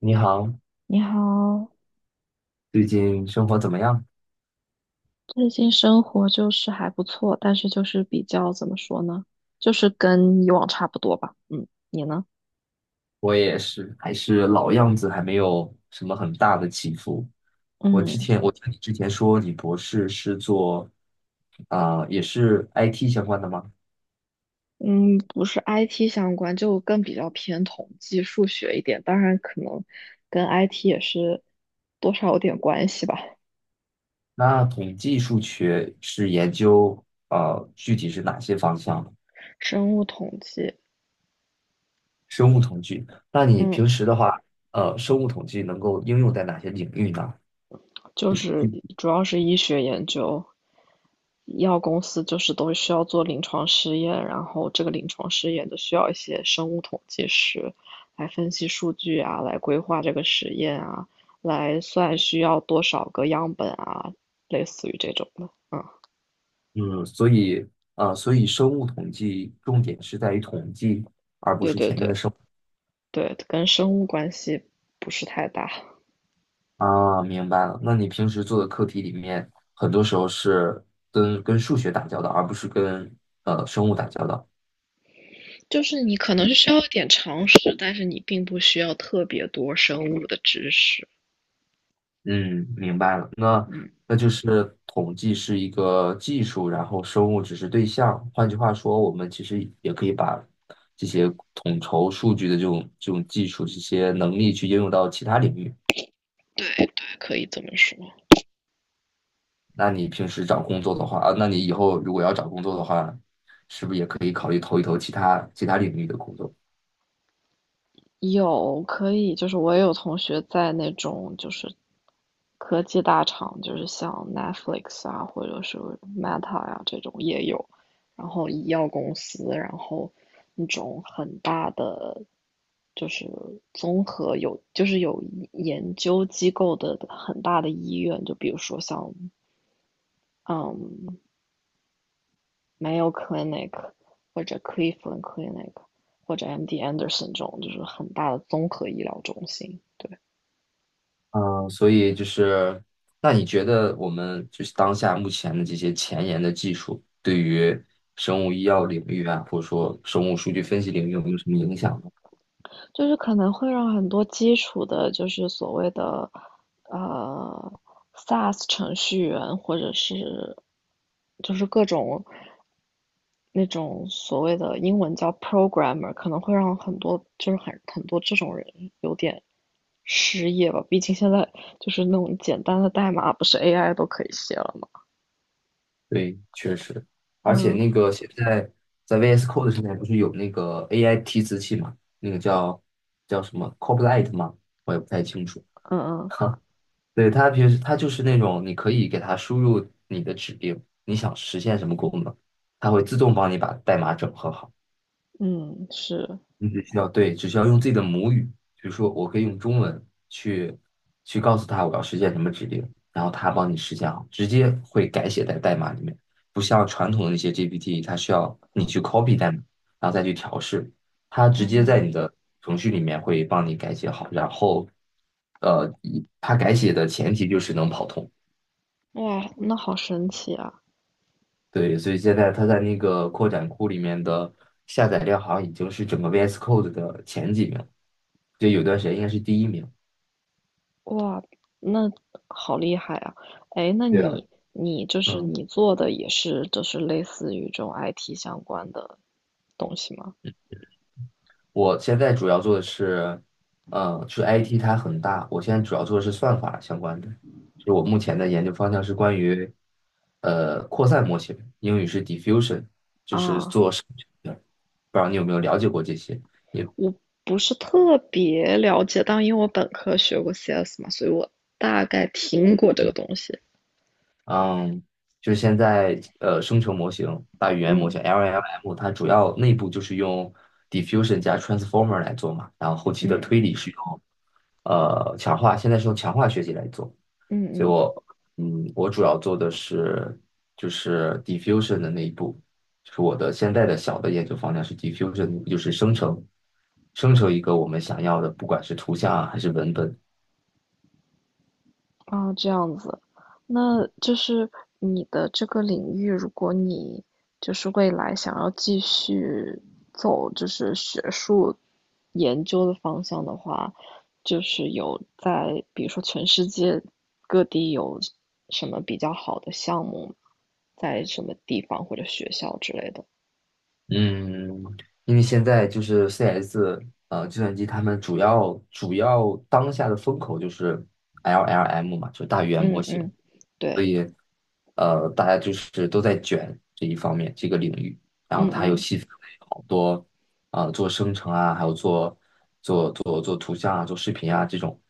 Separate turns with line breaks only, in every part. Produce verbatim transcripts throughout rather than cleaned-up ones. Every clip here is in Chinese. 你好，
你好，
最近生活怎么样？
最近生活就是还不错，但是就是比较怎么说呢，就是跟以往差不多吧。嗯，你呢？
我也是，还是老样子，还没有什么很大的起伏。我
嗯
之前，我听你之前说你博士是做啊、也是 I T 相关的吗？
嗯，不是 I T 相关，就更比较偏统计、数学一点，当然可能跟 I T 也是多少有点关系吧，
那统计数学是研究呃，具体是哪些方向的
生物统计。
生物统计。那你
嗯。
平时的话，呃，生物统计能够应用在哪些领域呢？
就
就是，
是主要是医学研究，医药公司就是都需要做临床试验，然后这个临床试验就需要一些生物统计师来分析数据啊，来规划这个实验啊，来算需要多少个样本啊，类似于这种的。嗯，
嗯，所以，呃，所以生物统计重点是在于统计。
对对对对，跟生物关系不是太大，
啊，明白了。那你平时做的课题里面，很多时候是跟跟数学打交道，而不是跟呃生物打交道。
就是你可能是需要一点常识，但是你并不需要特别多生物的知识。
嗯，明白了。那
嗯，
那就是统计是一个技术，然后生物只是对象。换句话说，我们其实也可以把这些统筹数据的这种这种技术、这些能力去应用到其他领域。
对对，可以这么说。
那你平时找工作的话，啊，那你以后如果要找工作的话，是不是也可以考虑投一投其他其他领域的工作？
有可以，就是我也有同学在那种就是科技大厂，就是像 Netflix 啊，或者是 Meta 呀、这种也有，然后医药公司，然后那种很大的就是综合有就是有研究机构的很大的医院，就比如说像嗯 Mayo Clinic 或者 Cleveland Clinic 或者 M D Anderson 这种，就是很大的综合医疗中心，对。
嗯，所以就是，那你觉得我们就是当下目前的这些前沿的技术，对于生物医药领域啊，或者说生物数据分析领域有没有什么影响呢？
就是可能会让很多基础的，就是所谓的呃 SaaS 程序员，或者是就是各种那种所谓的英文叫 programmer，可能会让很多就是很很多这种人有点失业吧。毕竟现在就是那种简单的代码，不是 A I 都可以写了吗？
对，确实，而且
嗯
那个现在在 V S Code 上面不是有那个 A I 提词器嘛，那个叫叫什么 Copilot 吗？我也不太清楚。
嗯
哈，对，它平时它就是那种你可以给它输入你的指令，你想实现什么功能，它会自动帮你把代码整合好。
嗯嗯，是，
你只需要对，只需要用自己的母语，比如说我可以用中文去去告诉他我要实现什么指令，然后他帮你实现好，直接会改写在代码里面，不像传统的那些 G P T，它需要你去 copy 代码，然后再去调试，它直接在
嗯，
你的程序里面会帮你改写好，然后呃，一它改写的前提就是能跑通。
哇，那好神奇啊！
对，所以现在它在那个扩展库里面的下载量好像已经是整个 V S Code 的前几名，就有段时间应该是第一名。
哇，那好厉害啊！哎，那
对啊，
你你就是
嗯，
你做的也是就是类似于这种 I T 相关的东西吗？
我现在主要做的是，呃，就 I T 它很大，我现在主要做的是算法相关的，就是我目前的研究方向是关于，呃，扩散模型，英语是 diffusion，就是
啊，
做生成的不知道你有没有了解过这些？
我不是特别了解，但因为我本科学过 C S 嘛，所以我大概听过这个东西。
嗯，就是现在呃，生成模型、大语言模
嗯
型（ （L L M），它主要内部就是用 diffusion 加 transformer 来做嘛，然后后期的
嗯
推理是用呃强化，现在是用强化学习来做。
嗯
所以
嗯
我嗯，我主要做的是就是 diffusion 的那一步，就是我的现在的小的研究方向是 diffusion，就是生成生成一个我们想要的，不管是图像啊还是文本。
哦，这样子，那就是你的这个领域，如果你就是未来想要继续走就是学术研究的方向的话，就是有在比如说全世界各地有什么比较好的项目，在什么地方或者学校之类的。
嗯，因为现在就是 C S 呃，计算机他们主要主要当下的风口就是 L L M 嘛，就大语言模
嗯嗯，
型，
对，
呃，大家就是都在卷这一方面这个领域，然后
嗯
它又
嗯
细分为好多啊、呃做生成啊，还有做做做做图像啊，做视频啊这种，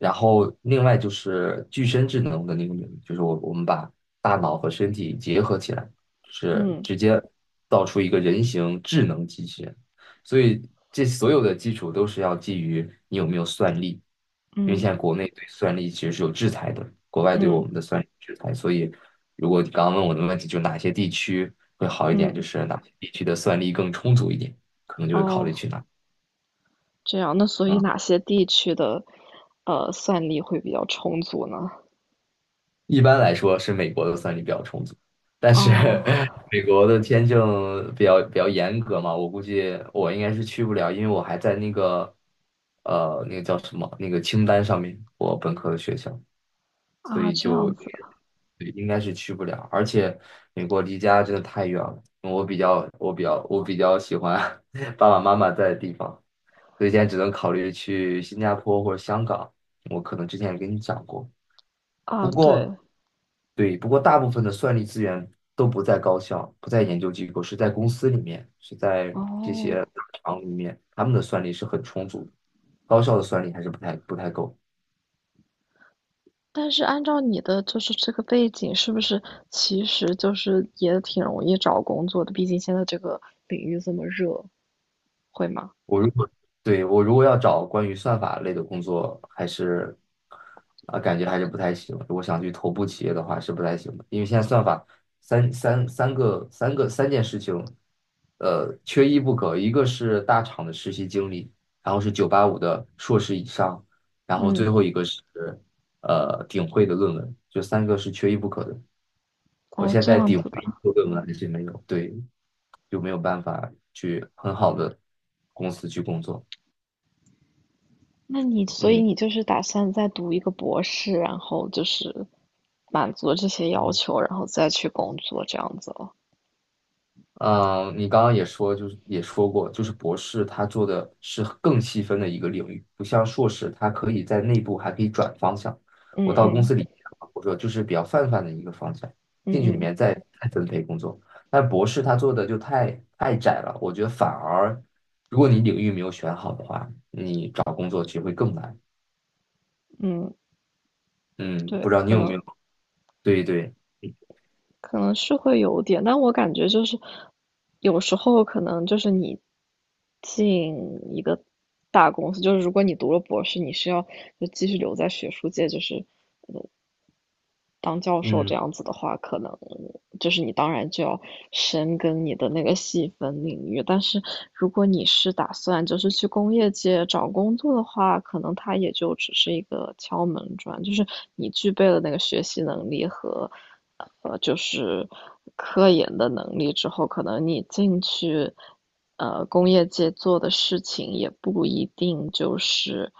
然后另外就是具身智能的那个领域，就是我我们把大脑和身体结合起来，是
嗯
直接造出一个人形智能机器人。所以这所有的基础都是要基于你有没有算力，因为
嗯
现在国内对算力其实是有制裁的，国外对我
嗯
们的算力制裁。所以，如果你刚刚问我的问题，就是哪些地区会好一点，就
嗯，
是哪些地区的算力更充足一点，可能就会考虑
哦。
去哪。
这样，那所以
嗯，
哪些地区的呃算力会比较充足呢？
一般来说是美国的算力比较充足，但是
哦，
美国的签证比较比较严格嘛，我估计我应该是去不了，因为我还在那个呃那个叫什么那个清单上面，我本科的学校。所
啊，
以
这
就
样
对
子
应该是去不了。而且美国离家真的太远了，我比较我比较我比较喜欢 爸爸妈妈在的地方，所以现在只能考虑去新加坡或者香港。我可能之前也跟你讲过，不
啊，
过
对，
对，不过大部分的算力资源都不在高校，不在研究机构，是在公司里面，是在这些
哦，
大厂里面，他们的算力是很充足的，高校的算力还是不太不太够。
但是按照你的就是这个背景，是不是其实就是也挺容易找工作的？毕竟现在这个领域这么热，会吗？
我如果对我如果要找关于算法类的工作，还是啊、感觉还是不太行。如果想去头部企业的话，是不太行的，因为现在算法三三三个三个三件事情，呃，缺一不可。一个是大厂的实习经历，然后是九八五的硕士以上，然后最
嗯，
后一个是呃顶会的论文，就三个是缺一不可的。我
哦，
现
这
在
样
顶
子
会
的，
一个论文还是没有，对，就没有办法去很好的公司去工作。
那你所
嗯
以
嗯，
你就是打算再读一个博士，然后就是满足这些要求，然后再去工作这样子哦。
呃你刚刚也说，就是也说过，就是博士他做的是更细分的一个领域，不像硕士，他可以在内部还可以转方向。
嗯
我到公
嗯
司里面，我说就是比较泛泛的一个方向，
嗯
进去里
嗯
面再再分配工作。但博士他做的就太太窄了，我觉得反而如果你领域没有选好的话，你找工作其实会更难。
嗯。
嗯，
对，
不知道你
可
有没
能
有？对对，
可能是会有点，但我感觉就是有时候可能就是你进一个大公司，就是如果你读了博士，你是要就继续留在学术界，就是当教授这
嗯，
样子的话，可能就是你当然就要深耕你的那个细分领域，但是如果你是打算就是去工业界找工作的话，可能它也就只是一个敲门砖，就是你具备了那个学习能力和呃就是科研的能力之后，可能你进去呃工业界做的事情也不一定就是。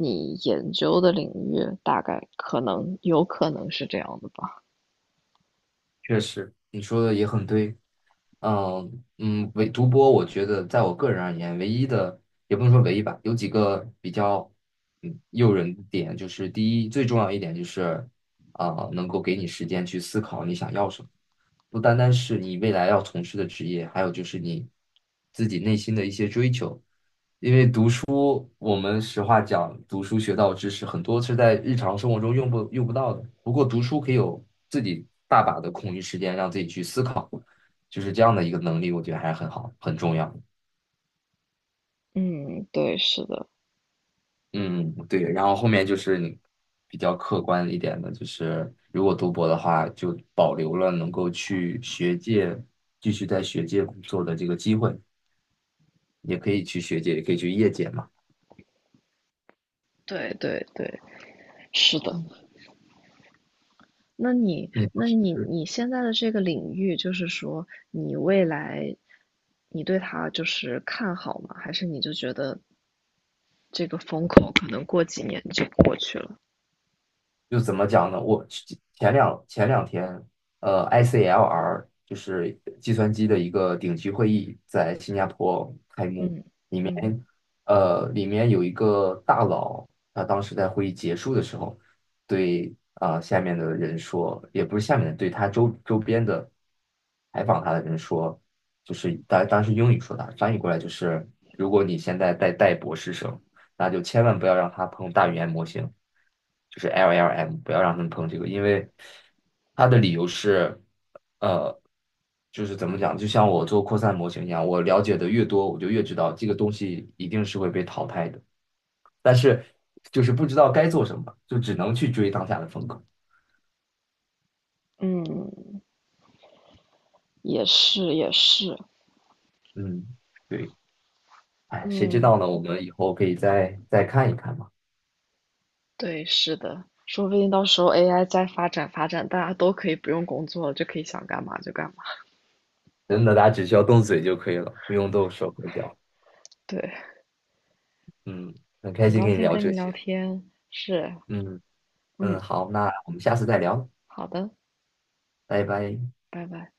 你研究的领域，大概可能有可能是这样的吧。
确实，你说的也很对。嗯嗯，唯独播，我觉得在我个人而言，唯一的也不能说唯一吧，有几个比较嗯诱人的点，就是第一，最重要一点就是，啊、能够给你时间去思考你想要什么，不单单是你未来要从事的职业，还有就是你自己内心的一些追求。我们实话讲，读书学到的知识很多是在日常生活中用不用不到的。不过读书可以有自己大把的空余时间，让自己去思考，就是这样的一个能力，我觉得还是很好，很重要。
嗯，对，是的，
嗯，对。然后后面就是你比较客观一点的，就是如果读博的话，就保留了能够去学界继续在学界工作的这个机会，也可以去学界，也可以去业界嘛。
对对对，是的。
嗯
那你，
你当
那
时
你，你现在的这个领域，就是说你未来，你对它就是看好吗？还是你就觉得这个风口可能过几年就过去了？
就怎么讲呢？我前两前两天，呃，I C L R 就是计算机的一个顶级会议在新加坡开幕，
嗯嗯
面，呃，里面有一个大佬，他当时在会议结束的时候，对啊、呃下面的人说，也不是下面的，对他周周边的采访他的人说，就是当当时英语说的，翻译过来就是，如果你现在在带博士生，那就千万不要让他碰大语言模型，就是 L L M，不要让他们碰这个，因为他的理由是。呃，就是怎么讲，就像我做扩散模型一样，我了解的越多，我就越知道这个东西一定是会被淘汰的。但是就是不知道该做什么，就只能去追当下的风口。
嗯，也是也是，
嗯，对，哎，谁知
嗯。
道呢？我们以后可以再再看一看嘛。
对，是的，说不定到时候 A I 再发展发展，大家都可以不用工作了，就可以想干嘛就干嘛。
真的，大家只需要动嘴就可以了，不用动手和脚。
对，
嗯，很开
很
心
高
跟你
兴
聊
跟你
这
聊
些。
天，是，
嗯嗯，
嗯，
好，那我们下次再聊，
好的，
拜拜。
拜拜。